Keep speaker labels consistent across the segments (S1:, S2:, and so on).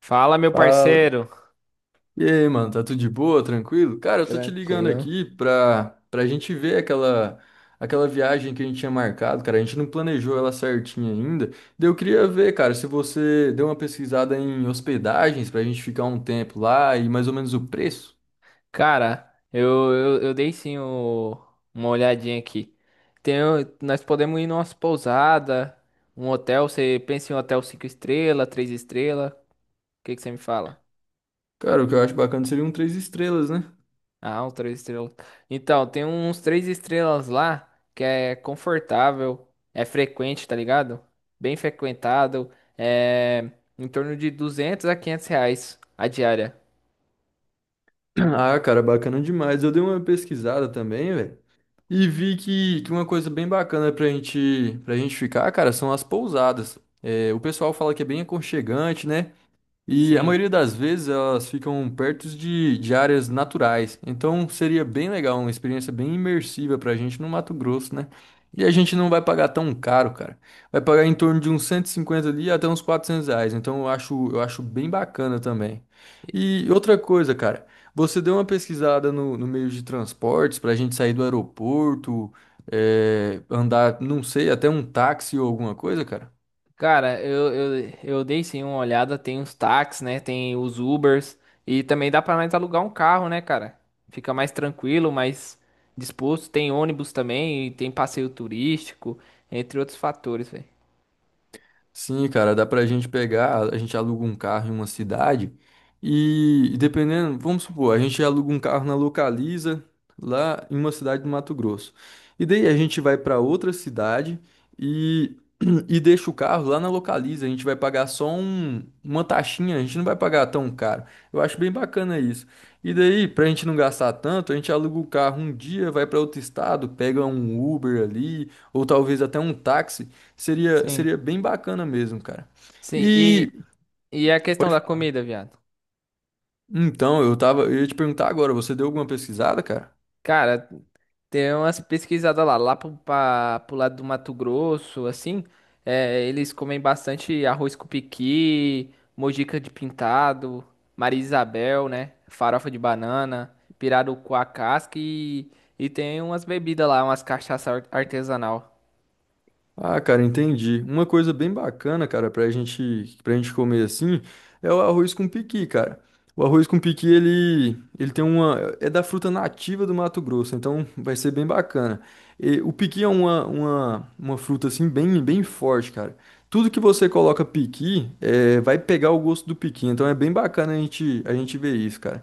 S1: Fala, meu
S2: Fala.
S1: parceiro.
S2: E aí, mano, tá tudo de boa, tranquilo? Cara, eu tô te ligando
S1: Tranquilo.
S2: aqui pra gente ver aquela viagem que a gente tinha marcado, cara. A gente não planejou ela certinha ainda. Daí eu queria ver, cara, se você deu uma pesquisada em hospedagens pra gente ficar um tempo lá e mais ou menos o preço.
S1: Cara, eu dei sim uma olhadinha aqui. Nós podemos ir numa pousada, um hotel. Você pensa em um hotel cinco estrelas, três estrelas? O que que você me fala?
S2: Cara, o que eu acho bacana seria um três estrelas, né?
S1: Ah, um três estrelas. Então, tem uns três estrelas lá que é confortável, é frequente, tá ligado? Bem frequentado, é em torno de R$ 200 a R$ 500 a diária.
S2: Ah, cara, bacana demais. Eu dei uma pesquisada também, velho. E vi que uma coisa bem bacana pra gente ficar, cara, são as pousadas. É, o pessoal fala que é bem aconchegante, né? E a
S1: Sim.
S2: maioria das vezes elas ficam perto de áreas naturais. Então seria bem legal, uma experiência bem imersiva pra gente no Mato Grosso, né? E a gente não vai pagar tão caro, cara. Vai pagar em torno de uns 150 ali até uns 400 reais. Então eu acho bem bacana também. E outra coisa, cara, você deu uma pesquisada no meio de transportes pra gente sair do aeroporto, andar, não sei, até um táxi ou alguma coisa, cara?
S1: Cara, eu dei sim uma olhada, tem os táxis, né? Tem os Ubers. E também dá pra nós alugar um carro, né, cara? Fica mais tranquilo, mais disposto. Tem ônibus também, e tem passeio turístico, entre outros fatores, velho.
S2: Sim, cara, dá pra gente pegar, a gente aluga um carro em uma cidade e dependendo, vamos supor, a gente aluga um carro na Localiza, lá em uma cidade do Mato Grosso. E daí a gente vai pra outra cidade e, e deixa o carro lá na Localiza. A gente vai pagar só uma taxinha, a gente não vai pagar tão caro. Eu acho bem bacana isso. E daí, pra gente não gastar tanto, a gente aluga o carro um dia, vai pra outro estado, pega um Uber ali, ou talvez até um táxi.
S1: Sim.
S2: Seria bem bacana mesmo, cara.
S1: Sim, e,
S2: E
S1: e a
S2: pode
S1: questão da
S2: falar.
S1: comida, viado?
S2: Então, eu ia te perguntar agora, você deu alguma pesquisada, cara?
S1: Cara, tem umas pesquisadas lá pro lado do Mato Grosso, assim, eles comem bastante arroz com piqui, mojica de pintado, Maria Isabel, né? Farofa de banana, pirarucu à casca e tem umas bebidas lá, umas cachaça artesanal.
S2: Ah, cara, entendi. Uma coisa bem bacana, cara, pra gente comer assim, é o arroz com piqui, cara. O arroz com piqui, ele tem uma, é da fruta nativa do Mato Grosso, então vai ser bem bacana. E o piqui é uma fruta assim bem, bem forte, cara. Tudo que você coloca piqui, é, vai pegar o gosto do piqui, então é bem bacana a gente ver isso, cara.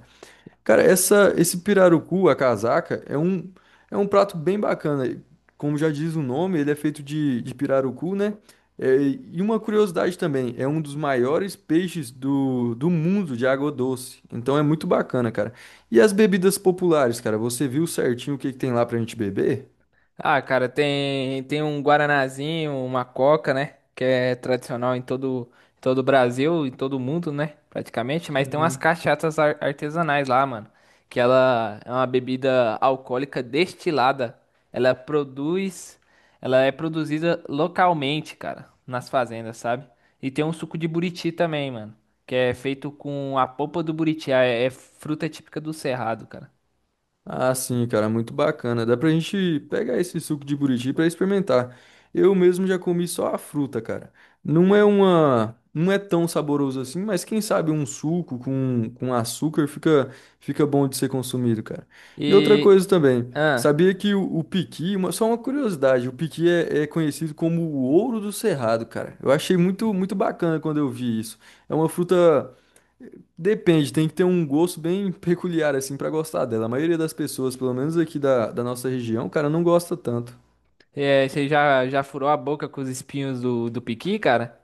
S2: Cara, esse pirarucu, a casaca, é um prato bem bacana. Como já diz o nome, ele é feito de pirarucu, né? É, e uma curiosidade também, é um dos maiores peixes do mundo de água doce. Então é muito bacana, cara. E as bebidas populares, cara? Você viu certinho o que que tem lá pra gente beber?
S1: Ah, cara, tem um guaranazinho, uma coca, né? Que é tradicional em todo, todo o Brasil, em todo o mundo, né? Praticamente. Mas tem umas
S2: Sim.
S1: cachaças artesanais lá, mano. Que ela é uma bebida alcoólica destilada. Ela produz, Ela é produzida localmente, cara, nas fazendas, sabe? E tem um suco de buriti também, mano. Que é feito com a polpa do buriti. É fruta típica do Cerrado, cara.
S2: Ah, sim, cara, muito bacana. Dá pra gente pegar esse suco de buriti pra experimentar. Eu mesmo já comi só a fruta, cara. Não é tão saboroso assim, mas quem sabe um suco com açúcar fica bom de ser consumido, cara. E outra
S1: E.
S2: coisa também,
S1: Ah.
S2: sabia que o piqui, só uma curiosidade, o piqui é conhecido como o ouro do cerrado, cara. Eu achei muito, muito bacana quando eu vi isso. É uma fruta. Depende, tem que ter um gosto bem peculiar, assim, pra gostar dela. A maioria das pessoas, pelo menos aqui da nossa região, cara, não gosta tanto.
S1: É, você já furou a boca com os espinhos do, do piqui, cara?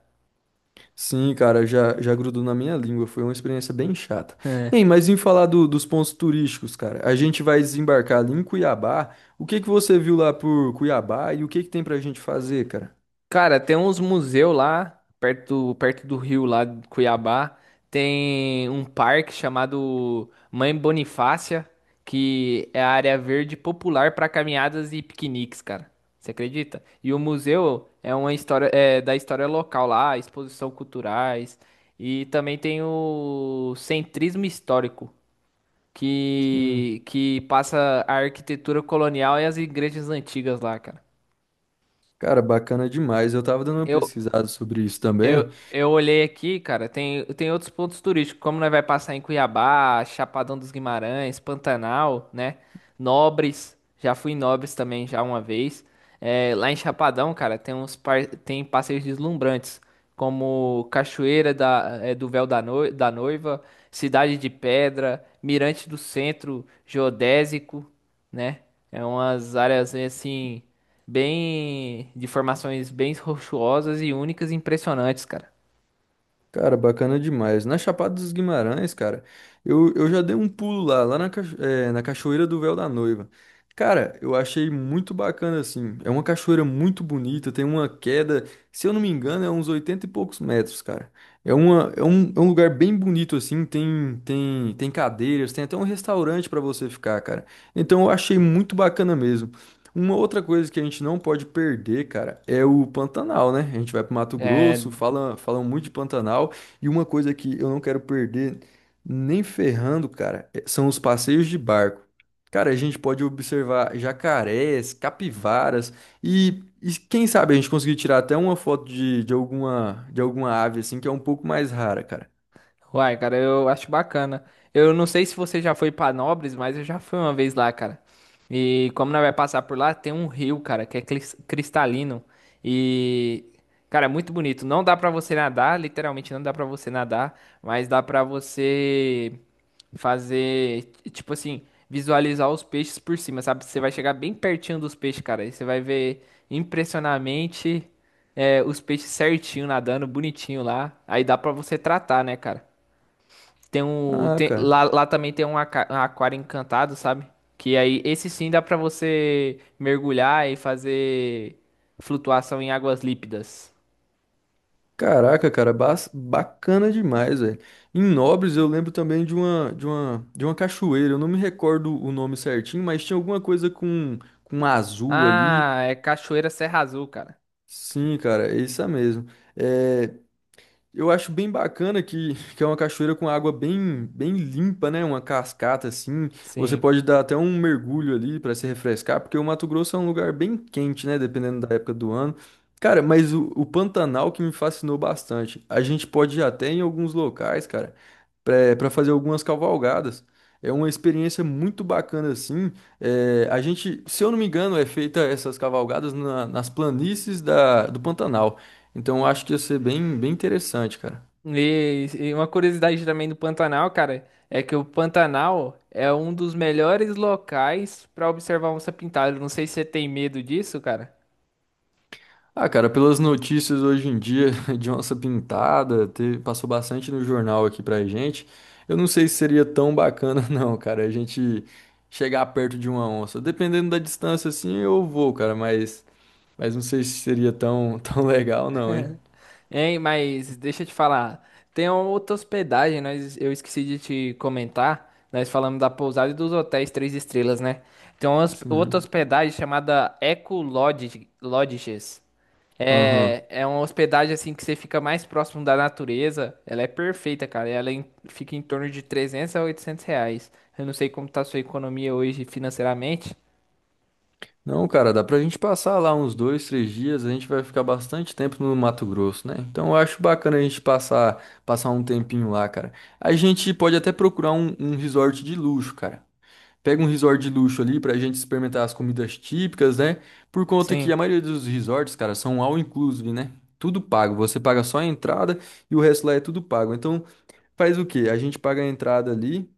S2: Sim, cara, já, já grudou na minha língua, foi uma experiência bem chata.
S1: É.
S2: Ei, mas em falar dos pontos turísticos, cara, a gente vai desembarcar ali em Cuiabá. O que que você viu lá por Cuiabá e o que que tem pra gente fazer, cara?
S1: Cara, tem uns museus lá, perto, perto do rio lá de Cuiabá. Tem um parque chamado Mãe Bonifácia, que é a área verde popular para caminhadas e piqueniques, cara. Você acredita? E o museu é uma história da história local lá, exposição culturais. E também tem o centrismo histórico,
S2: Sim.
S1: que passa a arquitetura colonial e as igrejas antigas lá, cara.
S2: Cara, bacana demais. Eu tava dando uma
S1: Eu,
S2: pesquisada sobre isso também.
S1: eu olhei aqui, cara, tem outros pontos turísticos, como nós vai passar em Cuiabá, Chapadão dos Guimarães, Pantanal, né? Nobres, já fui em Nobres também já uma vez. É, lá em Chapadão, cara, tem passeios deslumbrantes, como Cachoeira do Véu da Noiva, Cidade de Pedra, Mirante do Centro, Geodésico, né? É umas áreas assim bem de formações bem rochosas e únicas e impressionantes, cara.
S2: Cara, bacana demais. Na Chapada dos Guimarães, cara, eu já dei um pulo lá, lá na, na Cachoeira do Véu da Noiva. Cara, eu achei muito bacana, assim. É uma cachoeira muito bonita, tem uma queda, se eu não me engano, é uns 80 e poucos metros, cara. É um lugar bem bonito, assim. Tem cadeiras, tem até um restaurante pra você ficar, cara. Então eu achei muito bacana mesmo. Uma outra coisa que a gente não pode perder, cara, é o Pantanal, né? A gente vai pro Mato
S1: É.
S2: Grosso, falam muito de Pantanal, e uma coisa que eu não quero perder nem ferrando, cara, são os passeios de barco. Cara, a gente pode observar jacarés, capivaras e quem sabe a gente conseguir tirar até uma foto de alguma ave assim que é um pouco mais rara, cara.
S1: Uai, cara, eu acho bacana. Eu não sei se você já foi pra Nobres, mas eu já fui uma vez lá, cara. E como nós vai passar por lá, tem um rio, cara, que é cristalino. E, cara, é muito bonito. Não dá pra você nadar, literalmente não dá pra você nadar, mas dá pra você tipo assim, visualizar os peixes por cima, sabe? Você vai chegar bem pertinho dos peixes, cara, e você vai ver impressionamente os peixes certinho nadando, bonitinho lá. Aí dá pra você tratar, né, cara?
S2: Ah, cara.
S1: Lá, também tem um aquário encantado, sabe? Que aí, esse sim dá pra você mergulhar e fazer flutuação em águas lípidas.
S2: Caraca, cara, bacana demais, velho. Em Nobres eu lembro também de uma cachoeira. Eu não me recordo o nome certinho, mas tinha alguma coisa com azul ali.
S1: Ah, é Cachoeira Serra Azul, cara.
S2: Sim, cara, é isso mesmo. É, eu acho bem bacana que é uma cachoeira com água bem, bem limpa, né? Uma cascata assim. Você
S1: Sim.
S2: pode dar até um mergulho ali para se refrescar, porque o Mato Grosso é um lugar bem quente, né? Dependendo da época do ano. Cara, mas o Pantanal que me fascinou bastante. A gente pode ir até em alguns locais, cara, para fazer algumas cavalgadas. É uma experiência muito bacana assim. É, a gente, se eu não me engano, é feita essas cavalgadas nas planícies do Pantanal. Então eu acho que ia ser bem, bem interessante, cara.
S1: E uma curiosidade também do Pantanal, cara, é que o Pantanal é um dos melhores locais pra observar onça-pintada. Não sei se você tem medo disso, cara.
S2: Ah, cara, pelas notícias hoje em dia de onça pintada, passou bastante no jornal aqui pra gente. Eu não sei se seria tão bacana, não, cara, a gente chegar perto de uma onça. Dependendo da distância, assim, eu vou, cara, mas não sei se seria tão, tão legal, não, hein?
S1: Hein, mas deixa eu te falar. Tem uma outra hospedagem, eu esqueci de te comentar. Nós falamos da pousada e dos hotéis três estrelas, né? Tem uma outra
S2: Sim.
S1: hospedagem chamada Eco Lodge, Lodges.
S2: Aham.
S1: É uma hospedagem assim que você fica mais próximo da natureza. Ela é perfeita, cara. Ela fica em torno de R$ 300 a R$ 800. Eu não sei como tá a sua economia hoje financeiramente.
S2: Não, cara, dá pra gente passar lá uns dois, três dias, a gente vai ficar bastante tempo no Mato Grosso, né? Então eu acho bacana a gente passar, passar um tempinho lá, cara. A gente pode até procurar um resort de luxo, cara. Pega um resort de luxo ali pra gente experimentar as comidas típicas, né? Por conta que
S1: Sim.
S2: a maioria dos resorts, cara, são all inclusive, né? Tudo pago. Você paga só a entrada e o resto lá é tudo pago. Então faz o quê? A gente paga a entrada ali.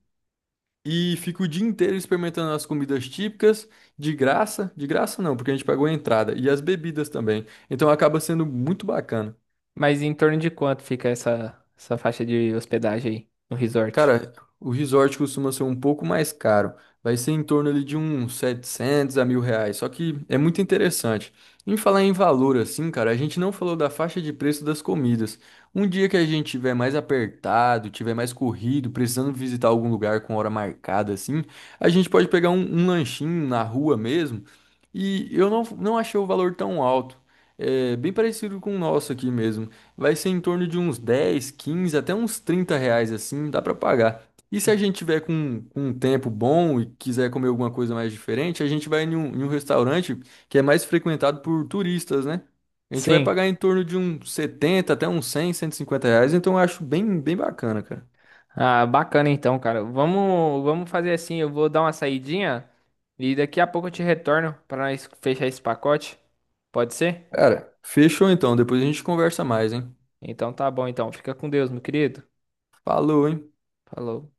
S2: E fica o dia inteiro experimentando as comidas típicas, de graça não, porque a gente pagou a entrada, e as bebidas também. Então acaba sendo muito bacana.
S1: Mas em torno de quanto fica essa faixa de hospedagem aí no resort?
S2: Cara, o resort costuma ser um pouco mais caro. Vai ser em torno ali de uns 700 a 1.000 reais. Só que é muito interessante. Em falar em valor, assim, cara, a gente não falou da faixa de preço das comidas. Um dia que a gente tiver mais apertado, tiver mais corrido, precisando visitar algum lugar com hora marcada, assim, a gente pode pegar um lanchinho na rua mesmo. E eu não, não achei o valor tão alto. É bem parecido com o nosso aqui mesmo. Vai ser em torno de uns 10, 15 até uns 30 reais assim, dá pra pagar. E se a gente tiver com um tempo bom e quiser comer alguma coisa mais diferente, a gente vai em um restaurante que é mais frequentado por turistas, né? A gente vai
S1: Sim.
S2: pagar em torno de uns 70 até uns 100, 150 reais, então eu acho bem, bem bacana, cara.
S1: Ah, bacana então, cara. Vamos fazer assim, eu vou dar uma saidinha e daqui a pouco eu te retorno para nós fechar esse pacote. Pode ser?
S2: Cara, fechou então, depois a gente conversa mais, hein?
S1: Então tá bom então. Fica com Deus, meu querido.
S2: Falou, hein?
S1: Falou.